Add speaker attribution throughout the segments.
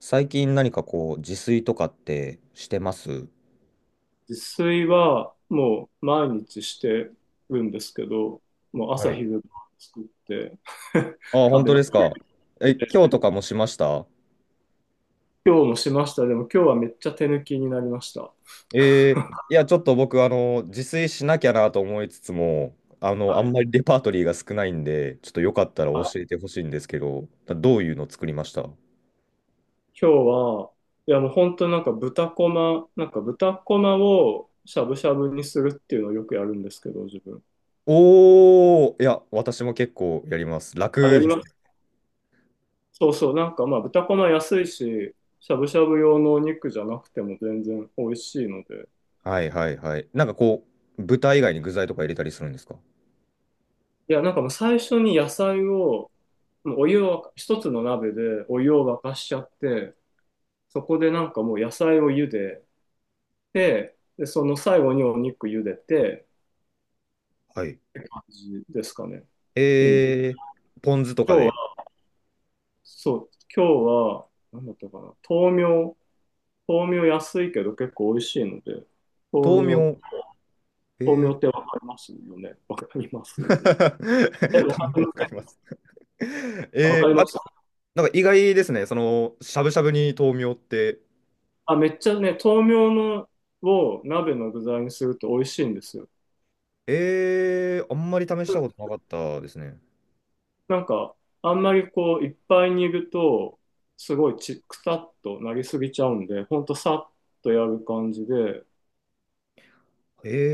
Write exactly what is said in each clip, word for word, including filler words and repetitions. Speaker 1: 最近何かこう、自炊とかってしてます？
Speaker 2: 自炊はもう毎日してるんですけど、もう
Speaker 1: は
Speaker 2: 朝
Speaker 1: い。
Speaker 2: 昼晩作って
Speaker 1: ああ、本
Speaker 2: 食べ
Speaker 1: 当
Speaker 2: て、
Speaker 1: ですか。え、今日とかもしました？
Speaker 2: 今日もしました。でも今日はめっちゃ手抜きになりました。
Speaker 1: えーいや、ちょっと僕、あの、自炊しなきゃなと思いつつも、あの、あ
Speaker 2: はい。
Speaker 1: んまりレパートリーが少ないんで、ちょっとよかったら
Speaker 2: はい、
Speaker 1: 教えてほしいんですけど、どういうの作りました？
Speaker 2: 今日は、いやもう本当なんか豚こま、なんか豚こまをしゃぶしゃぶにするっていうのをよくやるんですけど、自分。
Speaker 1: おー、いや、私も結構やります。
Speaker 2: あ、や
Speaker 1: 楽
Speaker 2: り
Speaker 1: で
Speaker 2: ま
Speaker 1: す。
Speaker 2: す。そうそう、なんかまあ豚こま安いし、しゃぶしゃぶ用のお肉じゃなくても全然美味しいので、
Speaker 1: はいはいはい。なんかこう、豚以外に具材とか入れたりするんですか？
Speaker 2: いや、なんかもう最初に野菜を、もうお湯を沸か、一つの鍋でお湯を沸かしちゃって、そこでなんかもう野菜を茹でて、で、その最後にお肉茹でて、
Speaker 1: はい。
Speaker 2: 感じですかね。いい今
Speaker 1: えー、ポン酢と
Speaker 2: 日
Speaker 1: か
Speaker 2: は、
Speaker 1: で。
Speaker 2: そう、今日は、なんだったかな、豆苗、豆苗安いけど結構美味しいので、
Speaker 1: 豆
Speaker 2: 豆苗、
Speaker 1: 苗。
Speaker 2: 豆
Speaker 1: え
Speaker 2: 苗
Speaker 1: ー、
Speaker 2: ってわかりますよね。わかりま す？え、わ
Speaker 1: 豆
Speaker 2: か
Speaker 1: 苗
Speaker 2: り
Speaker 1: わ
Speaker 2: ませ
Speaker 1: かり
Speaker 2: ん。
Speaker 1: ます。
Speaker 2: わか
Speaker 1: え、
Speaker 2: り
Speaker 1: ー、あ、
Speaker 2: ま
Speaker 1: で
Speaker 2: す。
Speaker 1: もなんか意外ですね。その、しゃぶしゃぶに豆苗って。
Speaker 2: あ、めっちゃね、豆苗のを鍋の具材にすると美味しいんですよ。
Speaker 1: えー、あんまり試したことなかったですね。
Speaker 2: なんか、あんまりこう、いっぱいにいると、すごいちくたっとなりすぎちゃうんで、ほんとさっとやる感じで、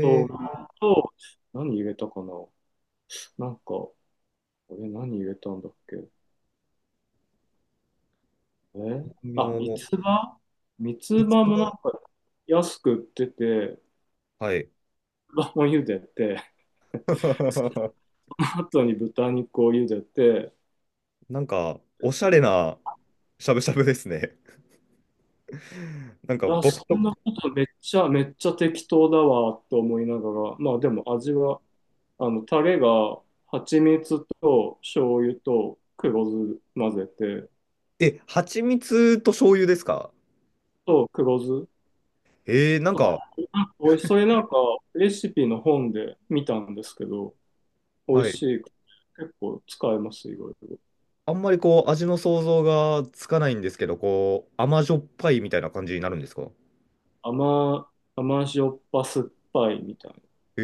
Speaker 2: 豆腐と、と何入れたかな。なんか、これ何入れたんだっけ？え
Speaker 1: ー、豆
Speaker 2: あ、三
Speaker 1: 苗。
Speaker 2: つ葉三つ
Speaker 1: いつ
Speaker 2: 葉もなん
Speaker 1: が、
Speaker 2: か安く売ってて、
Speaker 1: はい。
Speaker 2: 三つ葉も茹でて、そ の後に豚肉を茹でて、
Speaker 1: なんか、おしゃれなしゃぶしゃぶですね。なんか
Speaker 2: あ、
Speaker 1: 僕
Speaker 2: そ
Speaker 1: と、
Speaker 2: んなことめっちゃ、めっちゃ適当だわと思いながら、まあでも味は、あの、タレが蜂蜜と醤油と黒酢混ぜて、
Speaker 1: え、蜂蜜と醤油ですか？
Speaker 2: と黒酢。
Speaker 1: えー、なんか、
Speaker 2: おい、それなんかレシピの本で見たんですけど、美味
Speaker 1: はい。
Speaker 2: しい。結構使えます、いろいろ。
Speaker 1: あんまりこう、味の想像がつかないんですけど、こう、甘じょっぱいみたいな感じになるんですか？
Speaker 2: 甘、甘塩っぱ酸っぱいみたいな。
Speaker 1: え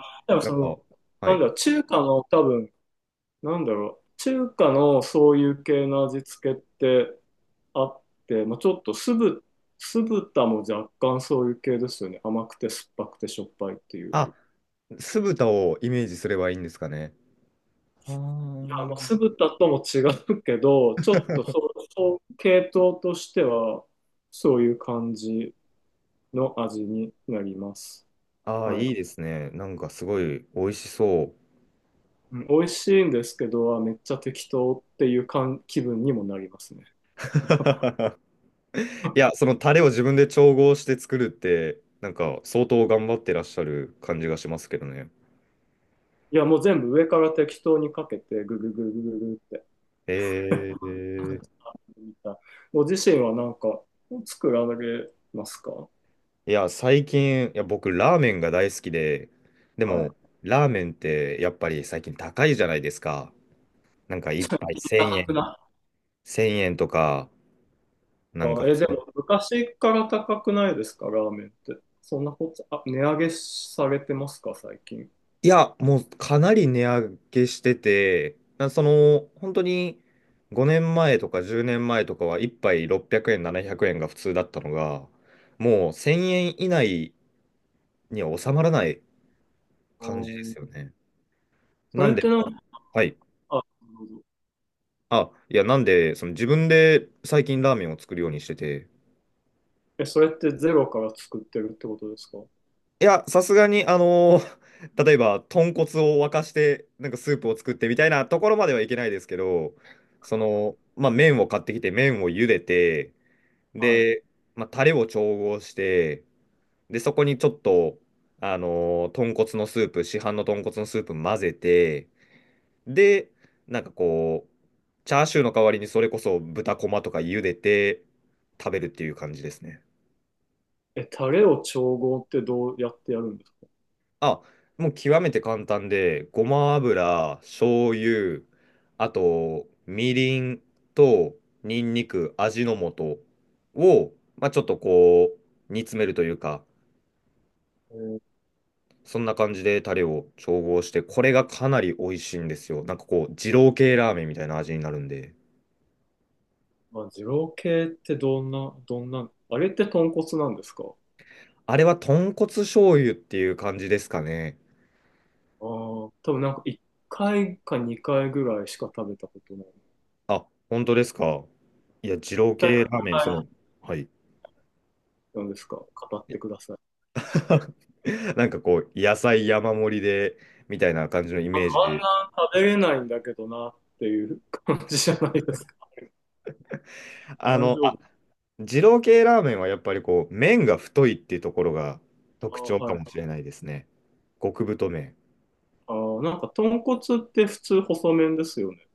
Speaker 1: ー、
Speaker 2: でも
Speaker 1: な
Speaker 2: そ
Speaker 1: んか、
Speaker 2: の、
Speaker 1: は
Speaker 2: なん
Speaker 1: い。
Speaker 2: だ、中華の多分、なんだろう、中華のそういう系の味付けってあって、まあ、ちょっと酢ぶ、酢豚も若干そういう系ですよね。甘くて酸っぱくてしょっぱいっていう。
Speaker 1: あ、酢豚をイメージすればいいんですかね。あ
Speaker 2: いや、まあ、
Speaker 1: ー
Speaker 2: 酢豚とも違うけど、ちょっとそう、そう系統としては、そういう感じの味になります。
Speaker 1: あー、
Speaker 2: は
Speaker 1: い
Speaker 2: い。
Speaker 1: いですね。なんかすごい美味しそう。
Speaker 2: うん、美味しいんですけど、あめっちゃ適当っていう感気分にもなりますね。
Speaker 1: いや、そのタレを自分で調合して作るって、なんか相当頑張ってらっしゃる感じがしますけどね。
Speaker 2: いや、もう全部上から適当にかけて、ぐぐぐぐぐぐって。
Speaker 1: え
Speaker 2: はい。
Speaker 1: ー、
Speaker 2: ご自身はなんか作られますか？
Speaker 1: いや、最近、いや、僕、ラーメンが大好きで、で
Speaker 2: は
Speaker 1: も、
Speaker 2: い。
Speaker 1: ラーメンって、やっぱり最近高いじゃないですか。なんか、一杯いち 0
Speaker 2: 高く
Speaker 1: 円、
Speaker 2: な
Speaker 1: せんえんとか、なんか、
Speaker 2: あ、え、でも昔から高くないですか、ラーメンって。そんなこと、あ、値上げされてますか、最近。
Speaker 1: いや、もう、かなり値上げしてて、なその、本当に、ごねんまえとかじゅうねんまえとかは、一杯ろっぴゃくえん、ななひゃくえんが普通だったのが、もう、せんえん以内には収まらない
Speaker 2: う
Speaker 1: 感じで
Speaker 2: ん。
Speaker 1: すよね。
Speaker 2: そ
Speaker 1: な
Speaker 2: れ
Speaker 1: ん
Speaker 2: っ
Speaker 1: で、
Speaker 2: てなんか、
Speaker 1: はい。
Speaker 2: あ、なるほど。
Speaker 1: あ、いや、なんで、その自分で最近ラーメンを作るようにしてて、
Speaker 2: え、それってゼロから作ってるってことですか？
Speaker 1: いや、さすがに、あのー 例えば、豚骨を沸かして、なんかスープを作ってみたいなところまではいけないですけど、その、まあ、麺を買ってきて、麺を茹でて、
Speaker 2: は
Speaker 1: で、まあ、タレを調合して、で、そこにちょっと、あのー豚骨のスープ、市販の豚骨のスープ混ぜて、で、なんかこう、チャーシューの代わりにそれこそ豚こまとか茹でて食べるっていう感じですね。
Speaker 2: い。え、タレを調合ってどうやってやるんですか？
Speaker 1: あ、もう極めて簡単で、ごま油、醤油、あと、みりんと、にんにく、味の素を、まあ、ちょっとこう、煮詰めるというか、
Speaker 2: えー、
Speaker 1: そんな感じでタレを調合して、これがかなり美味しいんですよ。なんかこう、二郎系ラーメンみたいな味になるんで。
Speaker 2: まあ、二郎系ってどんな、どんな、あれって豚骨なんですか？
Speaker 1: あれは豚骨醤油っていう感じですかね。
Speaker 2: ああー、多分なんかいっかいかにかいぐらいしか食べたことない。
Speaker 1: あ、本当ですか。いや、二
Speaker 2: 1
Speaker 1: 郎
Speaker 2: 回か
Speaker 1: 系ラーメン、その、はい。
Speaker 2: いなんですか、語ってください。
Speaker 1: なんかこう、野菜山盛りで、みたいな感じのイ
Speaker 2: あ
Speaker 1: メージで。
Speaker 2: あんな食べれないんだけどなっていう感じじゃないですか。
Speaker 1: あ
Speaker 2: 大
Speaker 1: の、
Speaker 2: 丈夫。
Speaker 1: あ、二郎系ラーメンはやっぱりこう、麺が太いっていうところが
Speaker 2: あ、
Speaker 1: 特徴か
Speaker 2: は
Speaker 1: も
Speaker 2: い。
Speaker 1: しれないですね。極太麺。
Speaker 2: あー、なんか豚骨って普通細麺ですよね。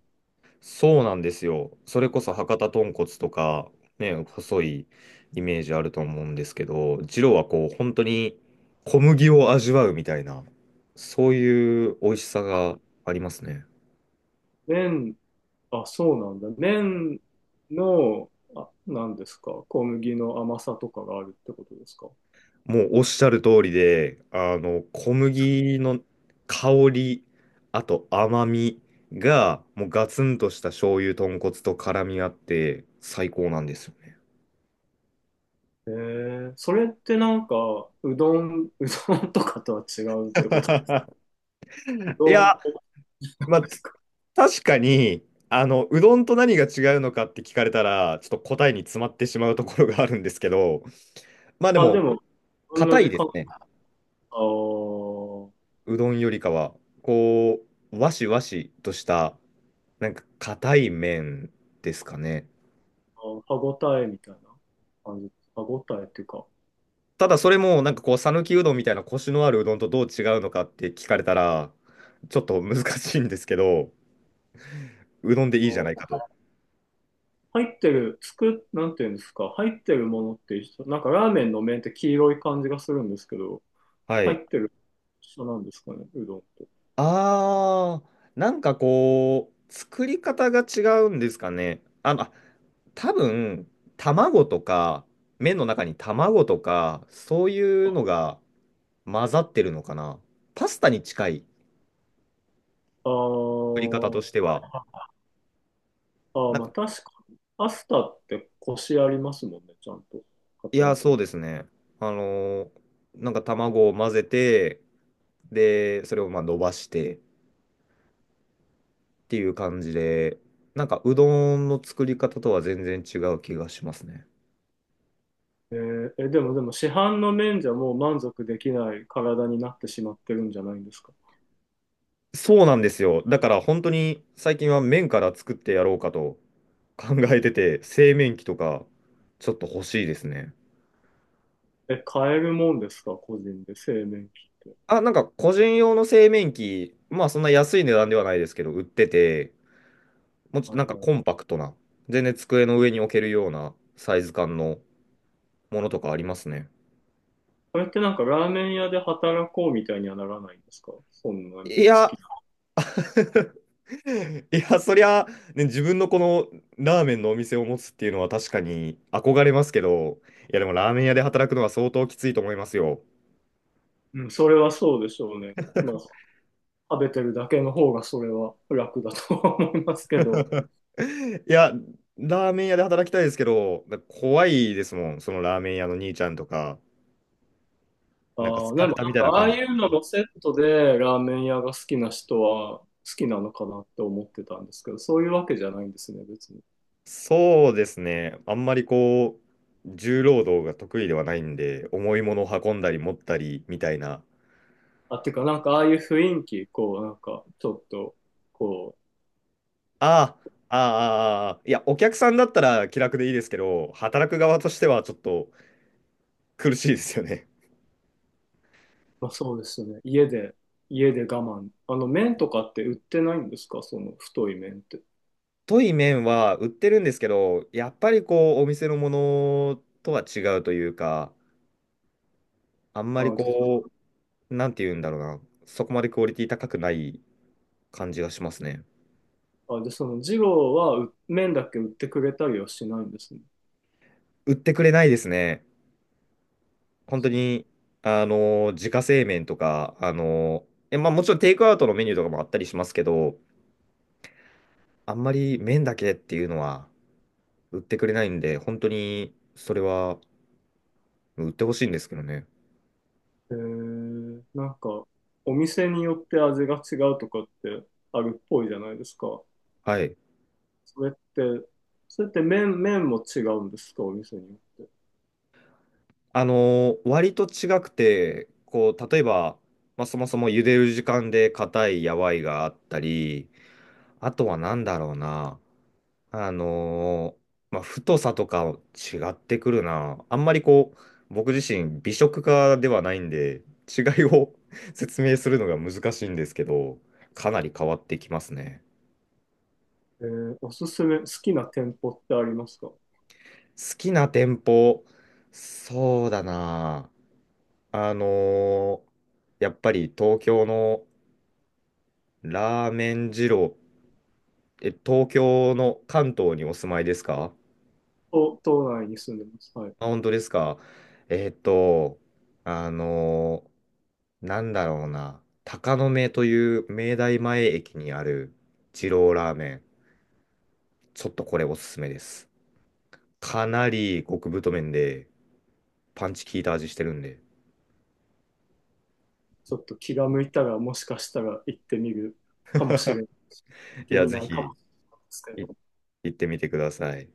Speaker 1: そうなんですよ。それこそ博多豚骨とか、ね、細いイメージあると思うんですけど、二郎はこう、本当に小麦を味わうみたいな、そういう美味しさがありますね。
Speaker 2: 麺、あ、そうなんだ。麺の、あ、なんですか、小麦の甘さとかがあるってことですか。
Speaker 1: もうおっしゃる通りで、あの、小麦の香り、あと甘みが、もうガツンとした醤油豚骨と絡み合って、最高なんですよね。
Speaker 2: へえ、それってなんか、うどん、うどんとかとは違うってこと。う
Speaker 1: い
Speaker 2: どんも
Speaker 1: や、
Speaker 2: で
Speaker 1: まあ、
Speaker 2: すか。
Speaker 1: 確かに、あの、うどんと何が違うのかって聞かれたら、ちょっと答えに詰まってしまうところがあるんですけど、まあで
Speaker 2: あ、で
Speaker 1: も、
Speaker 2: も、同
Speaker 1: 硬い
Speaker 2: じ
Speaker 1: で
Speaker 2: 感。
Speaker 1: すね。
Speaker 2: あー
Speaker 1: うどんよりかは。こう、わしわしとした、なんか硬い麺ですかね。
Speaker 2: あー、歯ごたえみたいな感じ。歯ごたえっていうか、
Speaker 1: ただそれもなんかこう、讃岐うどんみたいなコシのあるうどんとどう違うのかって聞かれたら、ちょっと難しいんですけど、うどんでいいじゃないかと。
Speaker 2: 入ってる、つく、なんていうんですか、入ってるものって一緒、なんかラーメンの麺って黄色い感じがするんですけど、
Speaker 1: は
Speaker 2: 入
Speaker 1: い。
Speaker 2: ってる一緒なんですかね、うどんと。
Speaker 1: あー、なんかこう、作り方が違うんですかね。あの、あ多分、卵とか、麺の中に卵とか、そういうのが混ざってるのかな。パスタに近い
Speaker 2: あ
Speaker 1: 作り方と
Speaker 2: ー
Speaker 1: しては。
Speaker 2: あー、
Speaker 1: なん
Speaker 2: まあ
Speaker 1: か、
Speaker 2: 確かに。パスタってコシありますもんね、ちゃんと。
Speaker 1: い
Speaker 2: 硬いっ
Speaker 1: や、そう
Speaker 2: てい
Speaker 1: で
Speaker 2: う。
Speaker 1: すね。あのーなんか卵を混ぜて、で、それをまあ伸ばしてっていう感じで、なんかうどんの作り方とは全然違う気がしますね。
Speaker 2: えーえ、でもでも市販の麺じゃもう満足できない体になってしまってるんじゃないんですか。
Speaker 1: そうなんですよ。だから本当に最近は麺から作ってやろうかと考えてて、製麺機とかちょっと欲しいですね。
Speaker 2: え、買えるもんですか、個人で、製麺機って。
Speaker 1: あ、なんか個人用の製麺機、まあそんな安い値段ではないですけど、売ってて、もうちょっと
Speaker 2: は
Speaker 1: な
Speaker 2: い
Speaker 1: んか
Speaker 2: はい。
Speaker 1: コンパクトな、全然机の上に置けるようなサイズ感のものとかありますね。
Speaker 2: それってなんかラーメン屋で働こうみたいにはならないんですか？そんなに好
Speaker 1: いや、
Speaker 2: き。
Speaker 1: いや、そりゃ、ね、自分のこのラーメンのお店を持つっていうのは確かに憧れますけど、いや、でもラーメン屋で働くのは相当きついと思いますよ。
Speaker 2: うん、それはそうでしょうね。まあ、食べてるだけの方がそれは楽だとは思いますけど。
Speaker 1: いや、ラーメン屋で働きたいですけど、なんか怖いですもん、そのラーメン屋の兄ちゃんとか、なんか
Speaker 2: あ
Speaker 1: ス
Speaker 2: あ、で
Speaker 1: カ
Speaker 2: もなん
Speaker 1: ルタみたい
Speaker 2: か
Speaker 1: な
Speaker 2: ああ
Speaker 1: 感じ。
Speaker 2: いうのもセットでラーメン屋が好きな人は好きなのかなって思ってたんですけど、そういうわけじゃないんですね、別に。
Speaker 1: そうですね、あんまりこう、重労働が得意ではないんで、重いものを運んだり持ったりみたいな
Speaker 2: あ、てかなんかああいう雰囲気、こうなんかちょっと、こう、
Speaker 1: ああ、ああ、いや、お客さんだったら気楽でいいですけど、働く側としてはちょっと苦しいですよね。
Speaker 2: まあそうですね、家で、家で我慢。あの麺とかって売ってないんですかその太い麺って。
Speaker 1: 太い麺は売ってるんですけど、やっぱりこう、お店のものとは違うというか、あんまり
Speaker 2: あ、で、その、
Speaker 1: こう、なんて言うんだろうな、そこまでクオリティ高くない感じがしますね。
Speaker 2: あ、で、その二郎はう麺だけ売ってくれたりはしないんですね。
Speaker 1: 売ってくれないですね。
Speaker 2: あ、
Speaker 1: 本当
Speaker 2: そう。
Speaker 1: に、あの、自家製麺とか、あの、え、まあもちろんテイクアウトのメニューとかもあったりしますけど、あんまり麺だけっていうのは。売ってくれないんで、本当にそれは売ってほしいんですけどね。
Speaker 2: へえ。なんか、お店によって味が違うとかってあるっぽいじゃないですか。
Speaker 1: はい。
Speaker 2: それって、それって麺、麺も違うんですか、お店によって。
Speaker 1: あのー割と違くて、こう、例えば、まあ、そもそも茹でる時間で硬いやわいがあったり、あとはなんだろうな、あのーまあ、太さとか違ってくるな。あんまりこう、僕自身美食家ではないんで、違いを 説明するのが難しいんですけど、かなり変わってきますね。
Speaker 2: えーおすすめ、好きな店舗ってありますか？
Speaker 1: 好きな店舗、そうだな。あのーやっぱり東京のラーメン二郎、え、東京の関東にお住まいですか？
Speaker 2: 都、都内に住んでます。はい。
Speaker 1: あ、本当ですか。えーっと、あのーなんだろうな。鷹の目という明大前駅にある二郎ラーメン。ちょっとこれおすすめです。かなり極太麺で、パンチ効いた味してるんで。
Speaker 2: ちょっと気が向いたら、もしかしたら行ってみるかもしれな いし行っ
Speaker 1: い
Speaker 2: て
Speaker 1: や、
Speaker 2: み
Speaker 1: ぜ
Speaker 2: ない
Speaker 1: ひ、
Speaker 2: かもしれない
Speaker 1: い
Speaker 2: ですけど。
Speaker 1: 行ってみてください。